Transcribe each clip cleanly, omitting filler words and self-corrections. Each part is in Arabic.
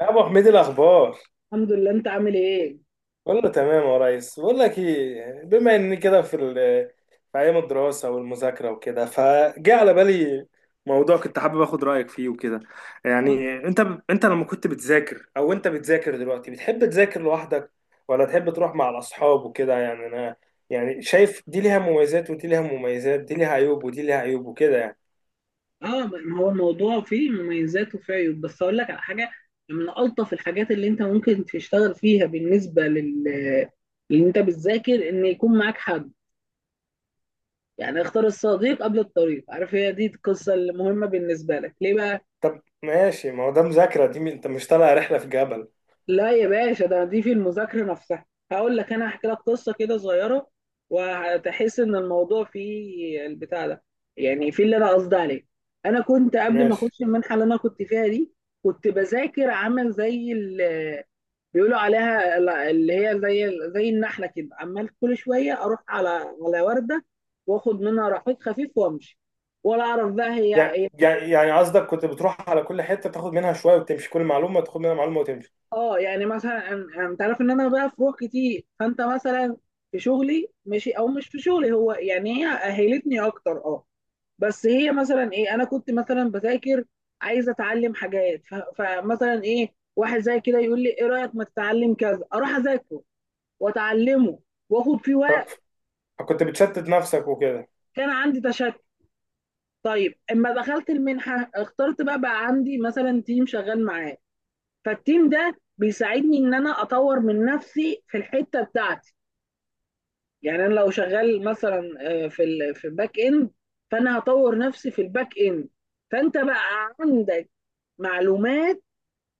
يا ابو حميد، إيه الاخبار؟ الحمد لله، انت عامل ايه؟ كله تمام يا ريس. بقول لك ايه، بما اني كده في ايام الدراسه والمذاكره وكده، فجاء على بالي موضوع كنت حابب اخد رايك فيه وكده. يعني انت لما كنت بتذاكر او انت بتذاكر دلوقتي، بتحب تذاكر لوحدك ولا تحب تروح مع الاصحاب وكده؟ يعني انا يعني شايف دي ليها مميزات ودي ليها مميزات، دي ليها عيوب ودي ليها عيوب وكده يعني. اه، ما هو الموضوع فيه مميزات وفيه عيوب، بس اقول لك على حاجه. من الطف الحاجات اللي انت ممكن تشتغل فيها بالنسبه لل اللي انت بتذاكر ان يكون معاك حد. يعني اختار الصديق قبل الطريق، عارف هي دي القصه المهمه بالنسبه لك ليه بقى. طب ماشي، ما هو ده مذاكره، دي انت مش طالع رحله في جبل. لا يا باشا، ده دي في المذاكرة نفسها. هقول لك، أنا هحكي لك قصة كده صغيرة وهتحس إن الموضوع فيه البتاع ده، يعني في اللي أنا قصدي عليه. أنا كنت قبل ما ماشي. أخش المنحة اللي أنا كنت فيها دي كنت بذاكر عامل زي بيقولوا عليها اللي هي زي النحلة كده، عمال كل شوية أروح على على وردة وآخد منها رحيق خفيف وأمشي، ولا أعرف بقى هي يعني إيه. يعني يعني قصدك كنت بتروح على كل حتة تاخد منها شوية وتمشي، كل معلومة تاخد منها معلومة وتمشي. اه، يعني مثلا انت عارف ان انا بقى في روح كتير، فانت مثلا في شغلي ماشي او مش في شغلي، هو يعني هي اهلتني اكتر اه. بس هي مثلا ايه، انا كنت مثلا بذاكر عايز اتعلم حاجات، فمثلا ايه واحد زي كده يقول لي ايه رايك ما تتعلم كذا، اروح اذاكره واتعلمه واخد فيه ف- وقت. فكنت بتشتت نفسك وكده. كان عندي تشتت. طيب اما دخلت المنحه اخترت بقى عندي مثلا تيم شغال معاه، فالتيم ده بيساعدني ان انا اطور من نفسي في الحته بتاعتي. يعني انا لو شغال مثلا في ال في الباك اند، فانا هطور نفسي في الباك اند. فانت بقى عندك معلومات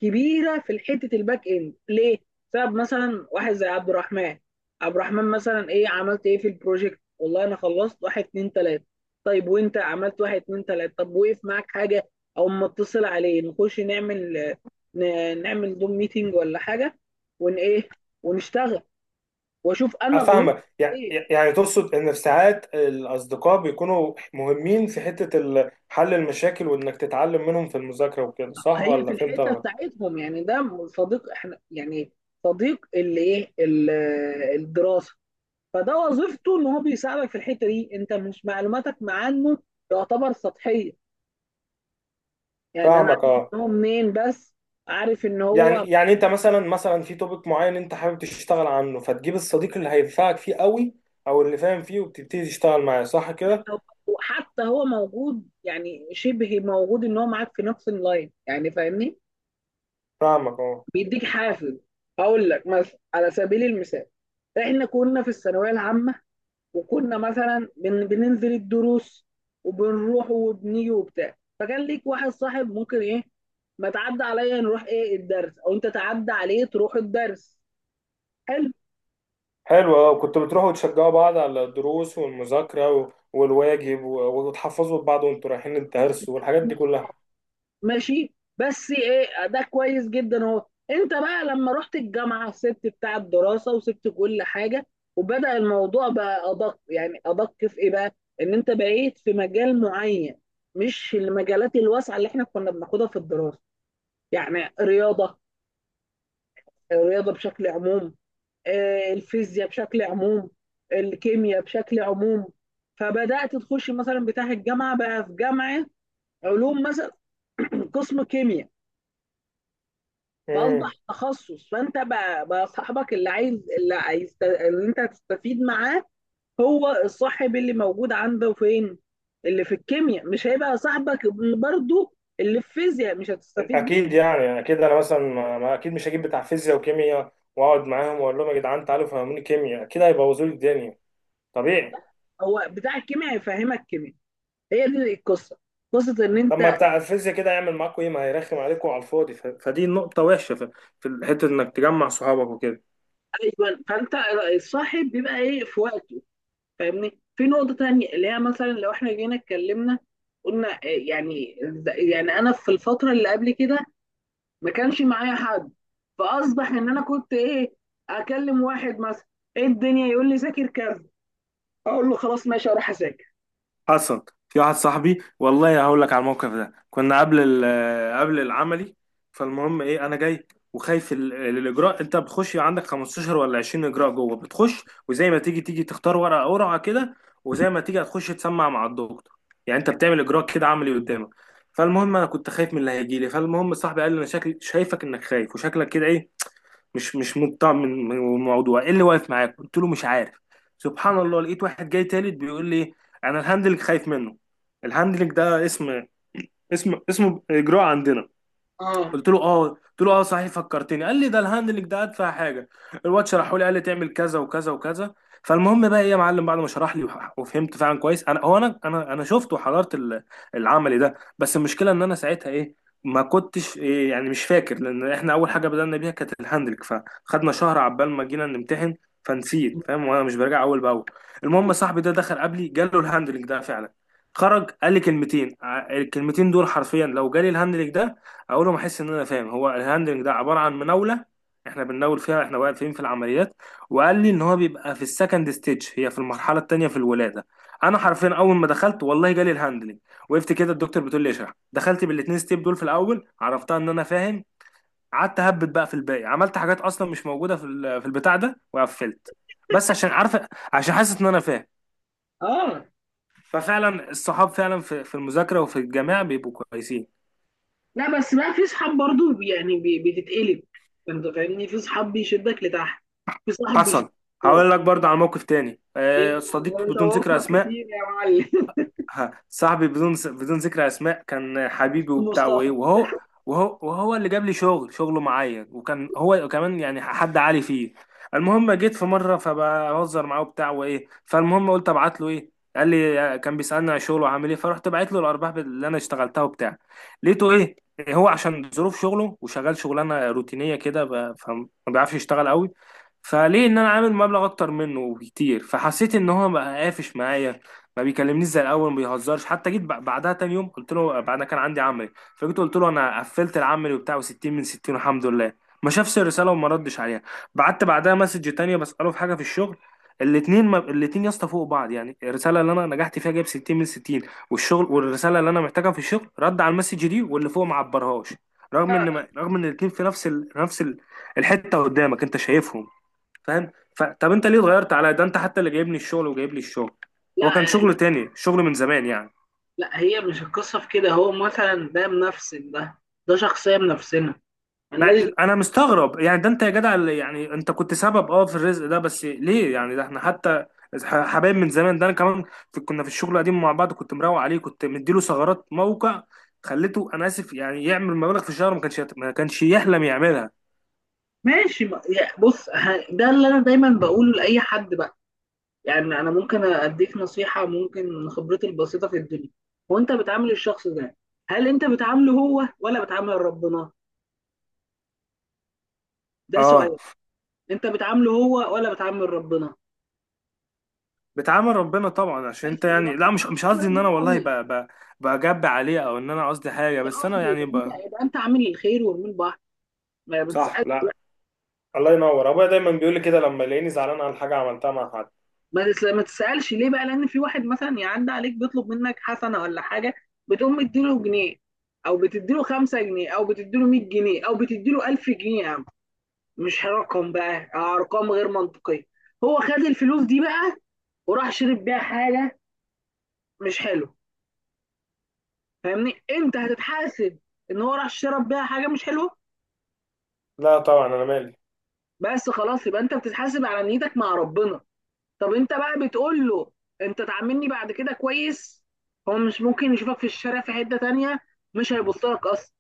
كبيره في حته الباك اند ليه؟ بسبب مثلا واحد زي عبد الرحمن. عبد الرحمن مثلا ايه عملت ايه في البروجكت؟ والله انا خلصت واحد اتنين تلاته. طيب وانت عملت واحد اتنين تلاته؟ طب وقف معاك حاجه؟ او ما اتصل عليه نخش نعمل، نعمل دوم ميتنج ولا حاجه، ون ايه، ونشتغل واشوف انا غلطت أفهمك. يعني ايه. يعني تقصد إن في ساعات الأصدقاء بيكونوا مهمين في حتة حل المشاكل، وإنك تتعلم منهم في المذاكرة وكده، صح هي في ولا فهمت الحته أنا؟ بتاعتهم، يعني ده صديق، احنا يعني صديق اللي ايه، الدراسه. فده وظيفته ان هو بيساعدك في الحته دي، انت مش معلوماتك مع عنه تعتبر سطحيه. يعني انا فاهمك، عارف أه. ان هو منين بس، عارف ان يعني هو. يعني أنت مثلا في توبيك معين أنت حابب تشتغل عنه، فتجيب الصديق اللي هينفعك فيه قوي أو اللي فاهم فيه وبتبتدي تشتغل معاه، صح كده؟ وحتى هو موجود، يعني شبه موجود ان هو معاك في نفس اللاين، يعني فاهمني، فاهمك، أه. بيديك حافز. هقول لك مثلا على سبيل المثال، احنا كنا في الثانويه العامه، وكنا مثلا بننزل الدروس وبنروح وبنيجي وبتاع، فكان ليك واحد صاحب ممكن ايه ما تعدى عليا نروح ايه الدرس، او انت تعدى عليه تروح الدرس. حلو. حلو، اه. كنتوا بتروحوا تشجعوا بعض على الدروس والمذاكرة والواجب وتحفظوا بعض وانتوا رايحين الدرس والحاجات دي كلها. ماشي، بس ايه ده كويس جدا اهو. انت بقى لما رحت الجامعه سبت بتاع الدراسه وسبت كل حاجه، وبدأ الموضوع بقى ادق، يعني ادق في ايه بقى، ان انت بقيت في مجال معين، مش المجالات الواسعه اللي احنا كنا بناخدها في الدراسه. يعني رياضه، الرياضة بشكل عموم، الفيزياء بشكل عموم، الكيمياء بشكل عموم. فبدأت تخش مثلا بتاع الجامعة، بقى في جامعة علوم مثلا قسم كيمياء. امم. فأصبح تخصص، فأنت بقى، صاحبك اللي عايز، اللي عايز اللي أنت هتستفيد معاه، هو الصاحب اللي موجود عنده فين. اللي في الكيمياء مش هيبقى صاحبك برضو، اللي في الفيزياء مش هتستفيد منه. اكيد، يعني اكيد انا مثلا اكيد مش هجيب بتاع فيزياء وكيمياء واقعد معاهم واقول لهم يا جدعان تعالوا فهموني كيمياء، اكيد هيبوظوا لي الدنيا. طبيعي. هو بتاع الكيمياء هيفهمك كيمياء، هي دي القصة، قصة إن طب ما أنت. بتاع الفيزياء كده هيعمل معاكم ايه؟ ما هيرخم عليكم على الفاضي. فدي نقطة وحشة في حتة انك تجمع صحابك وكده. ايوه، فانت الصاحب بيبقى ايه في وقته. فاهمني، في نقطه تانية اللي هي مثلا لو احنا جينا اتكلمنا، قلنا إيه يعني. يعني انا في الفتره اللي قبل كده ما كانش معايا حد، فاصبح ان انا كنت ايه، اكلم واحد مثلا ايه الدنيا يقول لي ذاكر كذا، اقول له خلاص ماشي اروح اذاكر. حصل. في واحد صاحبي، والله هقول لك على الموقف ده. كنا قبل العملي، فالمهم ايه، انا جاي وخايف الاجراء. انت بتخش عندك 15 ولا 20 اجراء جوه، بتخش وزي ما تيجي تيجي تختار ورقه قرعه كده، وزي ما تيجي هتخش تسمع مع الدكتور. يعني انت بتعمل اجراء كده عملي قدامك. فالمهم انا كنت خايف من اللي هيجي لي. فالمهم صاحبي قال لي انا شكلي شايفك انك خايف وشكلك كده ايه، مش مطمع من الموضوع، ايه اللي واقف معاك؟ قلت له مش عارف. سبحان الله لقيت واحد جاي تالت بيقول لي انا الهاندلنج خايف منه. الهاندلنج ده اسم اجراء عندنا. اه. قلت له اه، قلت له اه صحيح، فكرتني. قال لي ده الهاندلنج ده ادفع حاجه. الواد شرحه لي، قال لي تعمل كذا وكذا وكذا. فالمهم بقى ايه يا معلم، بعد ما شرح لي وفهمت فعلا كويس، انا هو انا شفت وحضرت العملي ده. بس المشكله ان انا ساعتها ايه، ما كنتش إيه يعني، مش فاكر، لان احنا اول حاجه بدأنا بيها كانت الهاندلنج، فخدنا شهر عبال ما جينا نمتحن فنسيت. فاهم، وانا مش براجع اول باول. المهم صاحبي ده دخل قبلي جاله الهاندلنج ده فعلا. خرج قال لي كلمتين، الكلمتين دول حرفيا لو جالي الهاندلنج ده، اول ما احس ان انا فاهم. هو الهاندلنج ده عباره عن مناوله، احنا بنناول فيها احنا واقفين في العمليات. وقال لي ان هو بيبقى في السكند ستيج، هي في المرحله الثانيه في الولاده. انا حرفيا اول ما دخلت والله جالي الهاندلنج. وقفت كده، الدكتور بتقول لي اشرح، دخلت بالاثنين ستيب دول في الاول، عرفتها ان انا فاهم. قعدت اهبط بقى في الباقي، عملت حاجات اصلا مش موجوده في البتاع ده، وقفلت. بس عشان عارفه، عشان حاسس ان انا فاهم. اه، ففعلا الصحاب فعلا في المذاكره وفي الجامعه بيبقوا كويسين. لا بس بقى في صحاب برضو يعني بتتقلب، انت فاهمني، في صحاب بيشدك لتحت، في صاحب بيشدك حصل. لفوق. هقول لك برضه على موقف تاني. ايه آه، صديق ده انت بدون ذكر وفق اسماء. كتير يا معلم. ها، صاحبي بدون ذكر اسماء، كان حبيبي وبتاع وايه، مصطفى. وهو اللي جاب لي شغل شغله معايا، وكان هو كمان يعني حد عالي فيه. المهم جيت في مره فبهزر معاه وبتاع وايه، فالمهم قلت ابعت له ايه. قال لي كان بيسالني على شغله وعامل ايه، فرحت بعت له الارباح اللي انا اشتغلتها وبتاع. لقيته ايه، هو عشان ظروف شغله وشغال شغلانه روتينيه كده، فما بيعرفش يشتغل قوي، فليه ان انا عامل مبلغ اكتر منه بكتير، فحسيت ان هو بقى قافش معايا، ما بيكلمنيش زي الاول، ما بيهزرش. حتى جيت بعدها تاني يوم قلت له بعد ما كان عندي عملي، فجيت قلت له انا قفلت العملي وبتاع، و60 من 60 والحمد لله. ما شافش الرساله وما ردش عليها. بعت بعدها مسج تانية بساله في حاجه في الشغل. الاتنين ما... الاتنين يا اسطى فوق بعض، يعني الرساله اللي انا نجحت فيها جايب 60 من 60، والشغل والرساله اللي انا محتاجها في الشغل، رد على المسج دي واللي فوق ما عبرهاش. رغم ان ما... رغم ان الاتنين في نفس الحته قدامك انت شايفهم. فاهم. طب انت ليه اتغيرت عليا؟ ده انت حتى اللي جايبني الشغل وجايب لي الشغل. لا، هو كان شغل تاني شغل من زمان يعني. لا هي مش القصة في كده، هو مثلا ده منفسن، ده ده شخصية منفسنة، ما... ملناش. انا مستغرب، يعني ده انت يا جدع اللي يعني انت كنت سبب اه في الرزق ده، بس ليه يعني؟ ده احنا حتى حبايب من زمان. ده انا كمان كنا في الشغل القديم مع بعض، كنت مروق عليه، كنت مديله ثغرات موقع، خليته انا اسف يعني يعمل مبالغ في الشهر ما كانش يحلم يعملها. ماشي بص ده اللي أنا دايما بقوله لأي حد بقى. يعني أنا ممكن أديك نصيحة ممكن من خبرتي البسيطة في الدنيا، وأنت بتعامل الشخص ده، هل أنت بتعامله هو ولا بتعامل ربنا؟ ده اه. سؤال. أنت بتعامله هو ولا بتعامل ربنا؟ بتعامل ربنا طبعا عشان انت بس يبقى يعني، لا أنت مش خلاص مش قصدي ان مالكش انا دعوة والله بيه. بجب عليه، او ان انا قصدي حاجه، مش بس انا قصدي، يعني يبقى أنت ب... يبقى أنت عامل الخير والمين بعض، ما صح، بتسألش. لا. الله ينور ابويا دايما بيقول لي كده لما يلاقيني زعلان على حاجه عملتها مع حد. ما تسألش ليه بقى؟ لأن في واحد مثلا يعدي عليك بيطلب منك حسنة ولا حاجة، بتقوم مديله جنيه، أو بتديله 5 جنيه، أو بتديله 100 جنيه، أو بتديله 1000 جنيه يا عم، مش رقم بقى، أرقام غير منطقية. هو خد الفلوس دي بقى وراح شرب بيها حاجة مش حلوة. فاهمني، أنت هتتحاسب إن هو راح شرب بيها حاجة مش حلوة؟ لا طبعا انا مالي. بس خلاص، يبقى أنت بتتحاسب على نيتك مع ربنا. طب انت بقى بتقول له انت تعاملني بعد كده كويس؟ هو مش ممكن يشوفك في الشارع في حتة تانية، مش هيبص لك اصلا.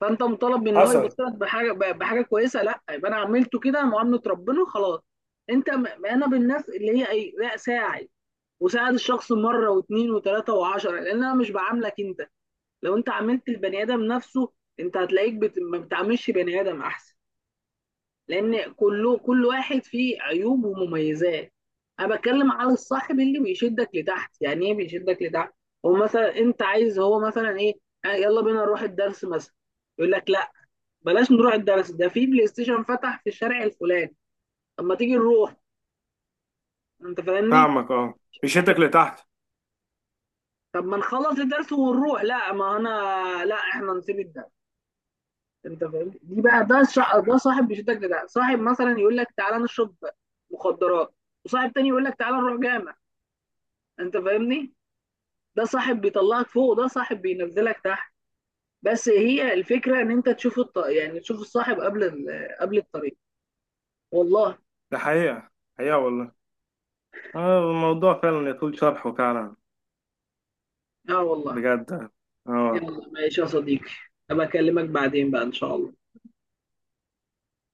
فانت مطالب من ان هو حصل. يبص لك بحاجة، بحاجة كويسة؟ لا، يبقى انا عملته كده معاملة ربنا خلاص. انت انا بالناس اللي هي ايه، لا ساعد، وساعد الشخص مرة واثنين وثلاثة وعشرة، لان انا مش بعاملك انت. لو انت عاملت البني ادم نفسه، انت هتلاقيك ما بتعاملش بني ادم احسن، لان كله، كل واحد فيه عيوب ومميزات. انا بتكلم على الصاحب اللي بيشدك لتحت. يعني ايه بيشدك لتحت؟ هو مثلا انت عايز، هو مثلا ايه، يلا بينا نروح الدرس مثلا، يقول لك لا، بلاش نروح الدرس، ده في بلاي ستيشن فتح في الشارع الفلاني، طب ما تيجي نروح. انت فاهمني، يقول فاهمك اه. لك لا. مشيتك لتحت. طب ما نخلص الدرس ونروح، لا ما انا، لا احنا نسيب الدرس. انت فاهمني دي بقى، ده ده صاحب بيشدك لتحت. صاحب مثلا يقول لك تعالى نشرب مخدرات، وصاحب تاني يقول لك تعالى نروح جامع، انت فاهمني. ده صاحب بيطلعك فوق، وده صاحب بينزلك تحت. بس هي الفكره ان انت تشوف يعني تشوف الصاحب قبل قبل الطريق، والله. ده حقيقه، حقيقه والله. آه، الموضوع فعلا يطول شرحه فعلا. اه والله. بجد. اه. يلا ماشي يا صديقي، ابقى اكلمك بعدين بقى ان شاء الله.